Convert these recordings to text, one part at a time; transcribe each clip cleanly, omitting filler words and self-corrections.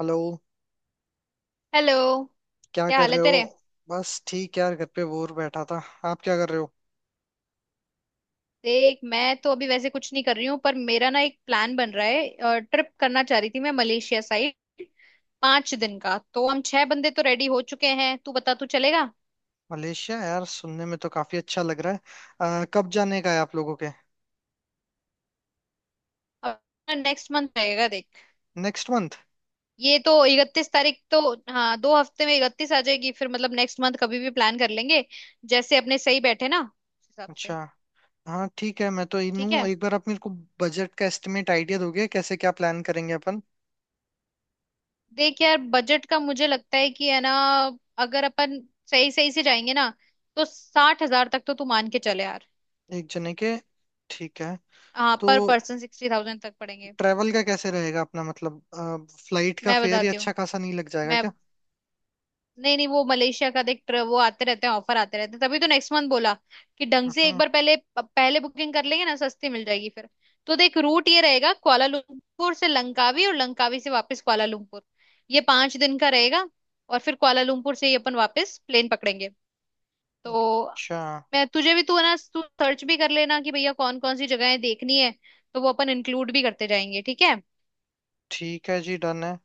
Hello. Hello. क्या क्या कर हाल है रहे हो? तेरे। बस ठीक यार, घर पे बोर बैठा था। आप क्या कर रहे हो? देख, मैं तो अभी वैसे कुछ नहीं कर रही हूँ, पर मेरा ना एक प्लान बन रहा है। ट्रिप करना चाह रही थी मैं मलेशिया साइड। 5 दिन का, तो हम छह बंदे तो रेडी हो चुके हैं। तू बता, तू चलेगा। मलेशिया, यार सुनने में तो काफी अच्छा लग रहा है। कब जाने का है आप लोगों के? अब नेक्स्ट मंथ रहेगा देख। Next month? ये तो 31 तारीख तो, हाँ, 2 हफ्ते में 31 आ जाएगी, फिर मतलब नेक्स्ट मंथ कभी भी प्लान कर लेंगे, जैसे अपने सही बैठे ना उस हिसाब से। अच्छा। हाँ ठीक है, मैं तो इन ठीक हूँ। है। एक बार आप मेरे को बजट का एस्टिमेट आइडिया दोगे कैसे क्या प्लान करेंगे अपन? देख यार, बजट का मुझे लगता है कि है ना, अगर अपन सही सही से जाएंगे ना, तो 60,000 तक तो तू मान के चले यार। एक जने के? ठीक है। हाँ, तो पर पर्सन 60,000 तक पड़ेंगे। ट्रेवल का कैसे रहेगा अपना? मतलब फ्लाइट का मैं फेयर ही बताती अच्छा हूँ खासा नहीं लग जाएगा मैं क्या? नहीं नहीं, वो मलेशिया का, देख वो आते रहते हैं, ऑफर आते रहते हैं, तभी तो नेक्स्ट मंथ बोला कि ढंग से एक हाँ। बार पहले पहले बुकिंग कर लेंगे ना, सस्ती मिल जाएगी फिर। तो देख, रूट ये रहेगा, कुआलालंपुर से लंकावी और लंकावी से वापस कुआलालंपुर। ये 5 दिन का रहेगा, और फिर कुआलालंपुर से ही अपन वापस प्लेन पकड़ेंगे। तो अच्छा, मैं तुझे भी, तू है ना, तू सर्च भी कर लेना कि भैया कौन कौन सी जगहें देखनी है, तो वो अपन इंक्लूड भी करते जाएंगे, ठीक है। ठीक है जी, डन है।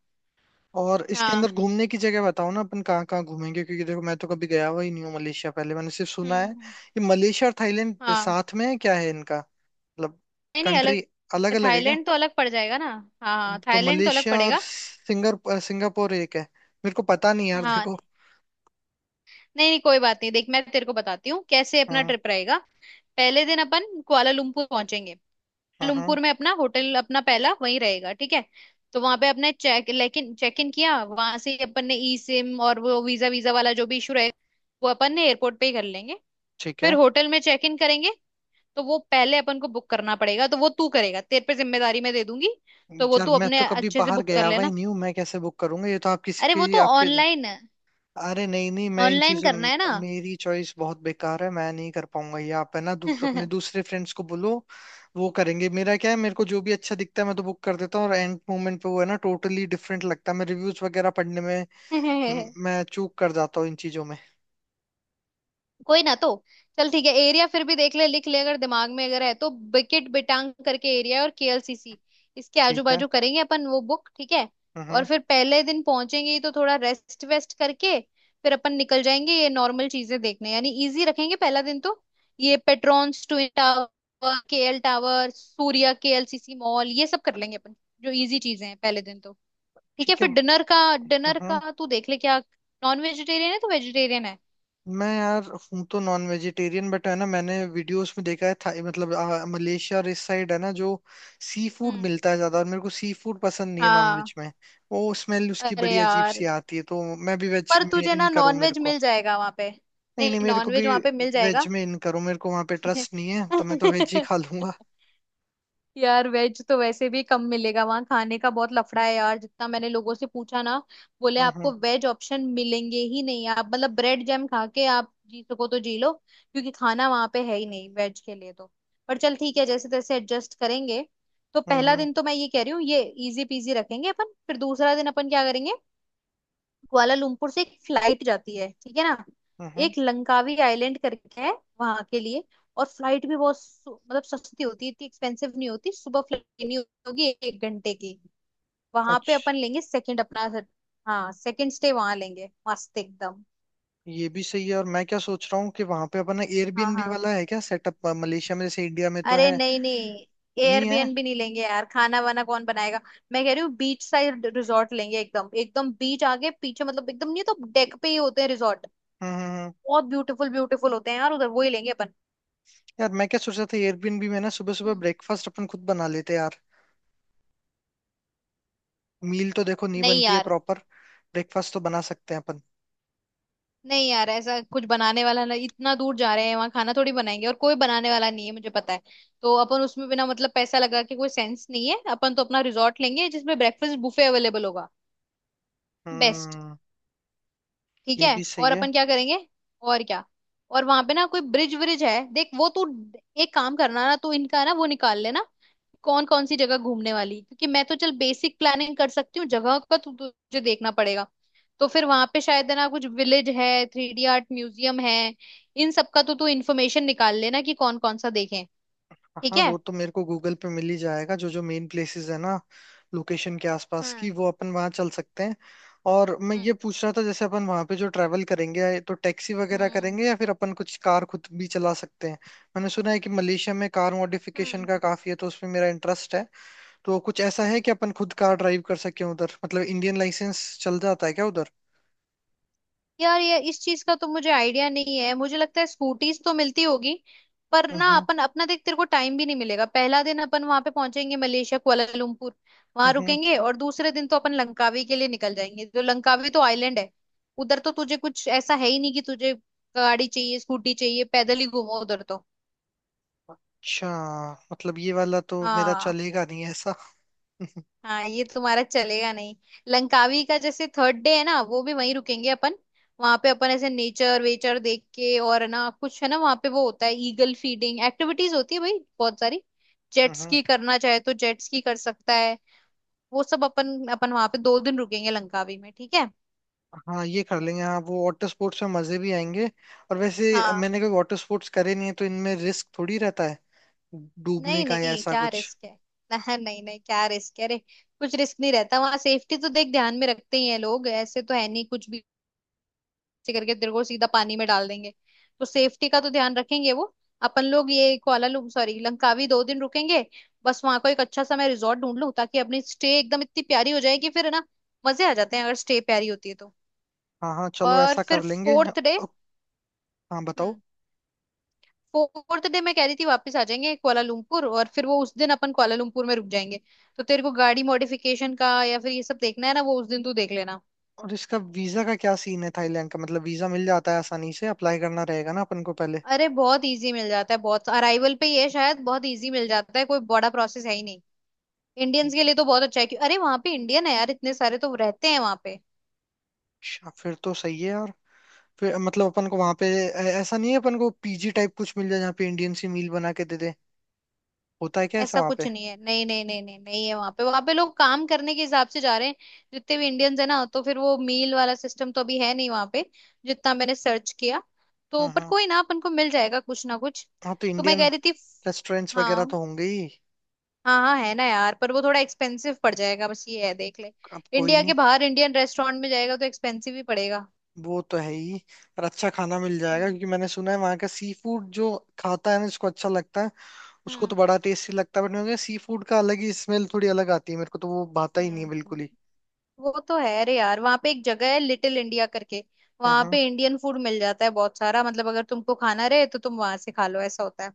और इसके हाँ। अंदर घूमने की जगह बताओ ना, अपन कहाँ कहाँ घूमेंगे? क्योंकि देखो मैं तो कभी गया हुआ ही नहीं हूँ मलेशिया पहले। मैंने सिर्फ सुना है। हम्म। ये मलेशिया और थाईलैंड हाँ। साथ में है क्या? है इनका मतलब नहीं नहीं, अलग। कंट्री अलग अलग है क्या? थाईलैंड तो अलग पड़ जाएगा ना। हाँ तो, हाँ, तो थाईलैंड तो अलग मलेशिया और पड़ेगा। सिंगापुर सिंगापुर एक है? मेरे को पता नहीं यार, हाँ। देखो। नहीं नहीं, कोई बात नहीं, देख मैं तेरे को बताती हूँ कैसे अपना हाँ। ट्रिप रहेगा। पहले दिन अपन कुआलालंपुर पहुंचेंगे। हाँ। हाँ कुआलालंपुर में अपना होटल अपना पहला वहीं रहेगा, ठीक है। तो वहां पे अपने चेक, लेकिन चेक इन किया, वहां से ही अपन ने ई सिम, और वो वीजा वीजा वाला जो भी इशू रहेगा, वो अपन ने एयरपोर्ट पे ही कर लेंगे। ठीक फिर है। होटल में चेक इन करेंगे। तो वो पहले अपन को बुक करना पड़ेगा, तो वो तू करेगा, तेरे पे जिम्मेदारी मैं दे दूंगी, तो वो यार तू मैं अपने तो कभी अच्छे से बाहर बुक कर गया हुआ ही लेना। नहीं हूँ, मैं कैसे बुक करूंगा? ये तो आप किसी अरे वो की तो आपके। ऑनलाइन है, अरे नहीं नहीं, मैं इन ऑनलाइन चीजों। करना है। मेरी चॉइस बहुत बेकार है, मैं नहीं कर पाऊंगा। ये आप है ना, अपने ना। दूसरे फ्रेंड्स को बोलो, वो करेंगे। मेरा क्या है, मेरे को जो भी अच्छा दिखता है मैं तो बुक कर देता हूँ, और एंड मोमेंट पे वो है ना टोटली डिफरेंट लगता है। मैं रिव्यूज वगैरह पढ़ने में मैं चूक कर जाता हूँ इन चीजों में। कोई ना, तो चल ठीक है। एरिया फिर भी देख ले, लिख ले अगर दिमाग में अगर है, तो बिकिट बिटांग करके एरिया है, और केएलसीसी, इसके आजू ठीक है। बाजू करेंगे अपन वो बुक, ठीक है। और हम्म। फिर पहले दिन पहुंचेंगे ही, तो थोड़ा रेस्ट वेस्ट करके फिर अपन निकल जाएंगे, ये नॉर्मल चीजें देखने, यानी इजी रखेंगे पहला दिन तो। ये Petronas twin tower, KL tower, Suria KLCC mall, ये सब कर लेंगे अपन, जो इजी चीजें हैं पहले दिन तो। ठीक है। ठीक है। फिर डिनर का, डिनर का हम्म। तू देख ले, क्या नॉन वेजिटेरियन है तो वेजिटेरियन है। मैं यार हूँ तो नॉन वेजिटेरियन, बट है ना मैंने वीडियोस में देखा है मतलब मलेशिया और इस साइड है ना, जो सी फूड हम्म। मिलता है ज्यादा, और मेरे को सी फूड पसंद नहीं है नॉन हाँ। वेज में। वो स्मेल उसकी अरे बड़ी अजीब यार, सी आती है, तो मैं भी वेज पर में तुझे इन ना करूँ मेरे नॉनवेज को। मिल जाएगा वहां पे, नहीं नहीं, नहीं मेरे को भी नॉनवेज वहां पे मिल वेज जाएगा। में इन करूँ। मेरे को वहां पे ट्रस्ट नहीं है, तो मैं तो वेज ही खा लूंगा। यार, वेज तो वैसे भी कम मिलेगा वहां, खाने का बहुत लफड़ा है यार, जितना मैंने लोगों से पूछा ना, बोले आपको हम्म। वेज ऑप्शन मिलेंगे ही नहीं, आप मतलब ब्रेड जैम खा के आप जी सको तो जी लो, क्योंकि खाना वहां पे है ही नहीं वेज के लिए तो। पर चल ठीक है, जैसे तैसे एडजस्ट करेंगे। तो पहला हम्म। दिन तो मैं ये कह रही हूँ, ये इजी पीजी रखेंगे अपन। फिर दूसरा दिन अपन क्या करेंगे, कुआलालंपुर से एक फ्लाइट जाती है, ठीक है ना, हम्म। हम्म। एक लंकावी आइलैंड करके है वहां के लिए, और फ्लाइट भी बहुत मतलब सस्ती होती है, इतनी एक्सपेंसिव नहीं होती, सुबह फ्लाइट लेनी होगी, 1 घंटे की। वहां पे अपन अच्छा। लेंगे सेकंड अपना, हाँ, सेकंड स्टे वहां लेंगे, मस्त एकदम। ये भी सही है। और मैं क्या सोच रहा हूँ कि वहां पे अपना हाँ एयरबीएनबी हाँ। वाला है क्या सेटअप मलेशिया में? जैसे इंडिया में तो अरे है। नहीं नहीं, नहीं है? एयरबीएनबी नहीं लेंगे यार, खाना वाना कौन बनाएगा। मैं कह रही हूँ बीच साइड रिजॉर्ट लेंगे एकदम, एकदम बीच आगे पीछे, मतलब एकदम, नहीं तो डेक पे ही होते हैं रिजॉर्ट, हम्म। हम्म। बहुत ब्यूटीफुल ब्यूटीफुल होते हैं यार उधर, वो ही लेंगे अपन। यार मैं क्या सोच रहा था, एयरबीएनबी में ना सुबह सुबह ब्रेकफास्ट अपन खुद बना लेते हैं यार। मील तो देखो नहीं नहीं बनती है यार। प्रॉपर, ब्रेकफास्ट तो बना सकते हैं अपन। नहीं यार, ऐसा कुछ बनाने वाला ना, इतना दूर जा रहे हैं वहां खाना थोड़ी बनाएंगे, और कोई बनाने वाला नहीं है मुझे पता है। तो अपन उसमें बिना मतलब पैसा लगा के कोई सेंस नहीं है, अपन तो अपना रिजॉर्ट लेंगे जिसमें ब्रेकफास्ट बुफे अवेलेबल होगा, बेस्ट। हम्म। ठीक ये है, भी सही और है। अपन क्या करेंगे, और क्या, और वहां पे ना कोई ब्रिज व्रिज है, देख वो तू एक काम करना ना, तू इनका ना वो निकाल लेना, कौन कौन सी जगह घूमने वाली, क्योंकि मैं तो चल बेसिक प्लानिंग कर सकती हूँ, जगह का तुझे देखना पड़ेगा। तो फिर वहां पे शायद है ना कुछ विलेज है, 3D आर्ट म्यूजियम है, इन सब का तो तू इन्फॉर्मेशन निकाल लेना कि कौन कौन सा देखें। ठीक हाँ है। वो तो मेरे को गूगल पे मिल ही जाएगा जो जो मेन प्लेसेस है ना लोकेशन के आसपास की, हम्म वो अपन वहाँ चल सकते हैं। और मैं हम्म। ये पूछ रहा था, जैसे अपन वहाँ पे जो ट्रैवल करेंगे तो टैक्सी वगैरह हम्म करेंगे या फिर अपन कुछ कार खुद भी चला सकते हैं? मैंने सुना है कि मलेशिया में कार मॉडिफिकेशन हम्म का काफी है, तो उसमें मेरा इंटरेस्ट है। तो कुछ ऐसा है हम्म। कि अपन खुद कार ड्राइव कर सके उधर? मतलब इंडियन लाइसेंस चल जाता है क्या उधर? यार, ये इस चीज का तो मुझे आइडिया नहीं है, मुझे लगता है स्कूटीज तो मिलती होगी। पर ना हम्म। अपन अपना देख, तेरे को टाइम भी नहीं मिलेगा, पहला दिन अपन वहां पे पहुंचेंगे मलेशिया कुआलालंपुर, वहां हम्म। रुकेंगे, और दूसरे दिन तो अपन लंकावी के लिए निकल जाएंगे, जो लंकावी तो आइलैंड है, उधर तो तुझे कुछ ऐसा है ही नहीं कि तुझे गाड़ी चाहिए, स्कूटी चाहिए, पैदल ही घूमो उधर तो। अच्छा। मतलब ये वाला तो मेरा हाँ चलेगा नहीं ऐसा। हाँ, ये तुम्हारा चलेगा नहीं। लंकावी का जैसे थर्ड डे है ना, वो भी वहीं रुकेंगे अपन। वहां पे अपन ऐसे नेचर वेचर देख के, और है ना कुछ है ना वहां पे, वो होता है ईगल फीडिंग, एक्टिविटीज होती है भाई बहुत सारी, जेट हम्म। स्की करना चाहे तो जेट स्की कर सकता है, वो सब अपन। अपन वहां पे 2 दिन रुकेंगे लंकावी में, ठीक है। हाँ ये कर लेंगे। हाँ वो वाटर स्पोर्ट्स में मजे भी आएंगे। और वैसे हाँ। मैंने कभी वाटर स्पोर्ट्स करे नहीं है, तो इनमें रिस्क थोड़ी रहता है डूबने नहीं का या नहीं, ऐसा क्या कुछ? रिस्क है। नहीं नहीं नहीं, क्या रिस्क है। अरे, कुछ रिस्क नहीं रहता वहां, सेफ्टी तो देख ध्यान में रखते ही हैं लोग, ऐसे तो है नहीं कुछ भी से करके तेरे को सीधा पानी में डाल देंगे, तो सेफ्टी का तो ध्यान रखेंगे वो। अपन लोग ये कुआलालंपुर, सॉरी लंकावी, 2 दिन रुकेंगे। बस वहां को एक अच्छा सा मैं रिजॉर्ट ढूंढ लूं, ताकि अपनी स्टे एकदम इतनी प्यारी हो जाए, कि फिर है ना, मजे आ जाते हैं अगर स्टे प्यारी होती है तो। हाँ हाँ चलो और ऐसा फिर कर लेंगे। Fourth day. अ- हाँ बताओ। हम्म। फोर्थ डे मैं कह रही थी, वापस आ जाएंगे कुआलालंपुर, और फिर वो उस दिन अपन कुआलालंपुर में रुक जाएंगे। तो तेरे को गाड़ी मॉडिफिकेशन का या फिर ये सब देखना है ना, वो उस दिन तू देख लेना। और इसका वीजा का क्या सीन है थाईलैंड का? मतलब वीजा मिल जाता है आसानी से? अप्लाई करना रहेगा ना अपन को पहले? अरे बहुत इजी मिल जाता है, बहुत, अराइवल पे ही है शायद, बहुत इजी मिल जाता है, कोई बड़ा प्रोसेस है ही नहीं इंडियंस के लिए, तो बहुत अच्छा है क्यों, अरे वहां पे इंडियन है यार, इतने सारे तो रहते हैं वहां पे। अच्छा फिर तो सही है यार। फिर मतलब अपन को वहां पे ऐसा नहीं है अपन को पीजी टाइप कुछ मिल जाए जहाँ पे इंडियन सी मील बना के दे दे? होता है क्या ऐसा ऐसा वहां कुछ पे? नहीं है, नहीं नहीं नहीं नहीं नहीं है वहां पे, वहां पे लोग काम करने के हिसाब से जा रहे हैं जितने भी इंडियंस है ना, तो फिर वो मील वाला सिस्टम तो अभी है नहीं वहां पे, जितना मैंने सर्च किया। तो हाँ पर हाँ। कोई ना, अपन को मिल जाएगा कुछ ना कुछ। हाँ तो तो मैं इंडियन कह रही थी। रेस्टोरेंट्स वगैरह हाँ तो होंगे ही। हाँ हाँ, है ना यार, पर वो थोड़ा एक्सपेंसिव पड़ जाएगा, बस ये है देख ले। अब कोई इंडिया नहीं। के बाहर इंडियन रेस्टोरेंट में जाएगा तो एक्सपेंसिव ही पड़ेगा। वो तो है ही। पर अच्छा खाना मिल जाएगा, हम्म क्योंकि मैंने सुना है वहाँ का सी फूड जो खाता है ना इसको अच्छा लगता है, उसको तो हम्म बड़ा टेस्टी लगता है। बट मुझे सी फूड का अलग ही स्मेल, थोड़ी अलग आती है मेरे को, तो वो भाता ही नहीं है हम्म। बिल्कुल ही। वो तो है रे यार, वहां पे एक जगह है लिटिल इंडिया करके, हाँ वहां हाँ। पे इंडियन फूड मिल जाता है बहुत सारा, मतलब अगर तुमको खाना रहे तो तुम वहां से खा लो, ऐसा होता है।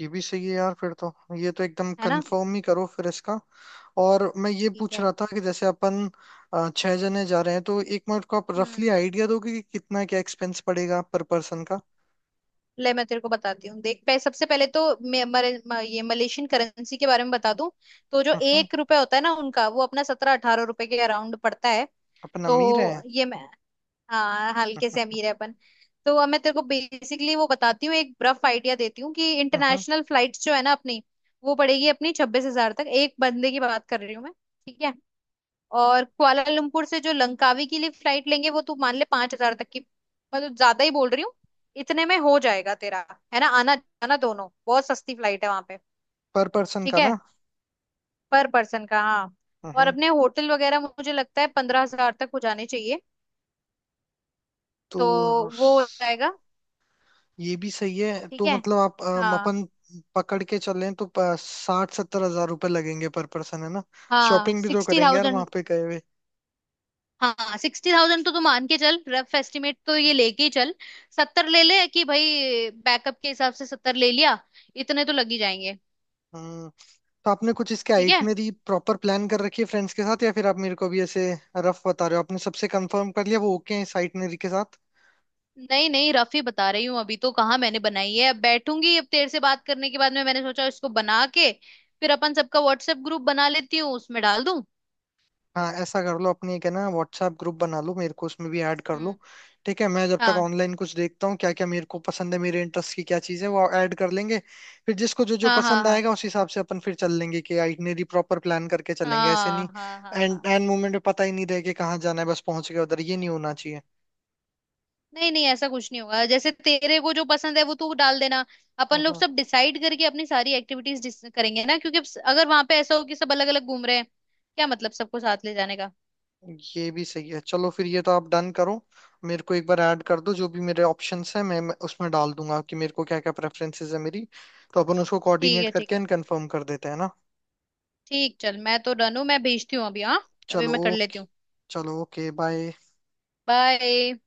ये भी सही है यार, फिर तो ये तो एकदम है ना। कंफर्म ही करो फिर इसका। और मैं ये ठीक पूछ है। रहा था कि जैसे अपन छह जने जा रहे हैं, तो एक मिनट को आप रफली हम्म। आइडिया दोगे कि कितना क्या एक्सपेंस पड़ेगा पर पर्सन का? ले मैं तेरे को बताती हूँ, देख सबसे पहले तो ये मलेशियन करेंसी के बारे में बता दूं। तो जो हम्म। 1 रुपए होता है ना उनका, वो अपना 17-18 रुपए के अराउंड पड़ता है। अपन तो अमीर है। ये मैं। हाँ, हल्के से अमीर है अपन। तो अब मैं तेरे को बेसिकली वो बताती हूँ, एक रफ आइडिया देती हूँ कि हम्म। इंटरनेशनल फ्लाइट्स जो है ना अपनी, वो पड़ेगी अपनी 26,000 तक, एक बंदे की बात कर रही हूँ मैं, ठीक है। और कुआलालंपुर से जो लंकावी के लिए फ्लाइट लेंगे, वो तू मान ले 5,000 तक की, मतलब ज्यादा ही बोल रही हूँ, इतने में हो जाएगा तेरा, है ना, आना जाना दोनों, बहुत सस्ती फ्लाइट है वहां पे। पर पर्सन ठीक का है, ना? पर पर्सन का हाँ। और हम्म। अपने होटल वगैरह मुझे लगता है 15,000 तक हो जाने चाहिए, तो तो वो हो स- जाएगा। ये भी सही है। ठीक तो है। मतलब आप हाँ। अपन पकड़ के चलें तो 60-70 हजार रुपये लगेंगे पर पर्सन, है ना? हाँ शॉपिंग भी तो सिक्सटी करेंगे यार वहां थाउजेंड पे गए हुए। हाँ 60,000 तो तू मान के चल, रफ एस्टिमेट तो ये लेके ही चल। 70 ले ले कि भाई बैकअप के हिसाब से 70 ले लिया, इतने तो लग ही जाएंगे। हम्म। तो आपने कुछ इसके ठीक है। आइटनरी प्रॉपर प्लान कर रखी है फ्रेंड्स के साथ, या फिर आप मेरे को भी ऐसे रफ बता रहे हो? आपने सबसे कंफर्म कर लिया वो ओके है इस आइटनरी के साथ? नहीं नहीं, रफ ही बता रही हूँ अभी, तो कहाँ मैंने बनाई है, अब बैठूंगी, अब तेरे से बात करने के बाद में मैंने सोचा, इसको बना के फिर अपन सबका व्हाट्सएप ग्रुप बना लेती हूँ, उसमें डाल दूँ। हाँ ऐसा कर लो, अपने एक है ना व्हाट्सएप ग्रुप बना लो, मेरे को उसमें भी ऐड कर लो। हम्म। ठीक है, मैं जब तक हाँ ऑनलाइन कुछ देखता हूँ क्या क्या मेरे को पसंद है, मेरे इंटरेस्ट की क्या चीज़ है, वो ऐड कर लेंगे। फिर जिसको जो जो हाँ हाँ। पसंद हाँ आएगा उस हिसाब से अपन फिर चल लेंगे कि आइटनरी प्रॉपर प्लान करके चलेंगे, ऐसे हाँ नहीं हाँ हाँ एंड हाँ। एंड मोमेंट में पता ही नहीं रहे कि कहाँ जाना है बस पहुंच गए उधर, ये नहीं होना चाहिए। नहीं नहीं, ऐसा कुछ नहीं होगा, जैसे तेरे को जो पसंद है वो तू डाल देना, अपन लोग हाँ सब डिसाइड करके अपनी सारी एक्टिविटीज करेंगे ना, क्योंकि अब अगर वहां पे ऐसा हो कि सब अलग अलग घूम रहे हैं, क्या मतलब सबको साथ ले जाने का। ये भी सही है। चलो फिर ये तो आप डन करो, मेरे को एक बार ऐड कर दो, जो भी मेरे ऑप्शंस हैं मैं उसमें डाल दूंगा कि मेरे को क्या क्या प्रेफरेंसेस है मेरी, तो अपन उसको ठीक कोऑर्डिनेट है, ठीक करके है। एंड कंफर्म कर देते हैं ना। ठीक, चल मैं तो डन हूँ, मैं भेजती हूँ अभी, हाँ अभी चलो मैं कर लेती ओके। हूँ। चलो ओके बाय। बाय।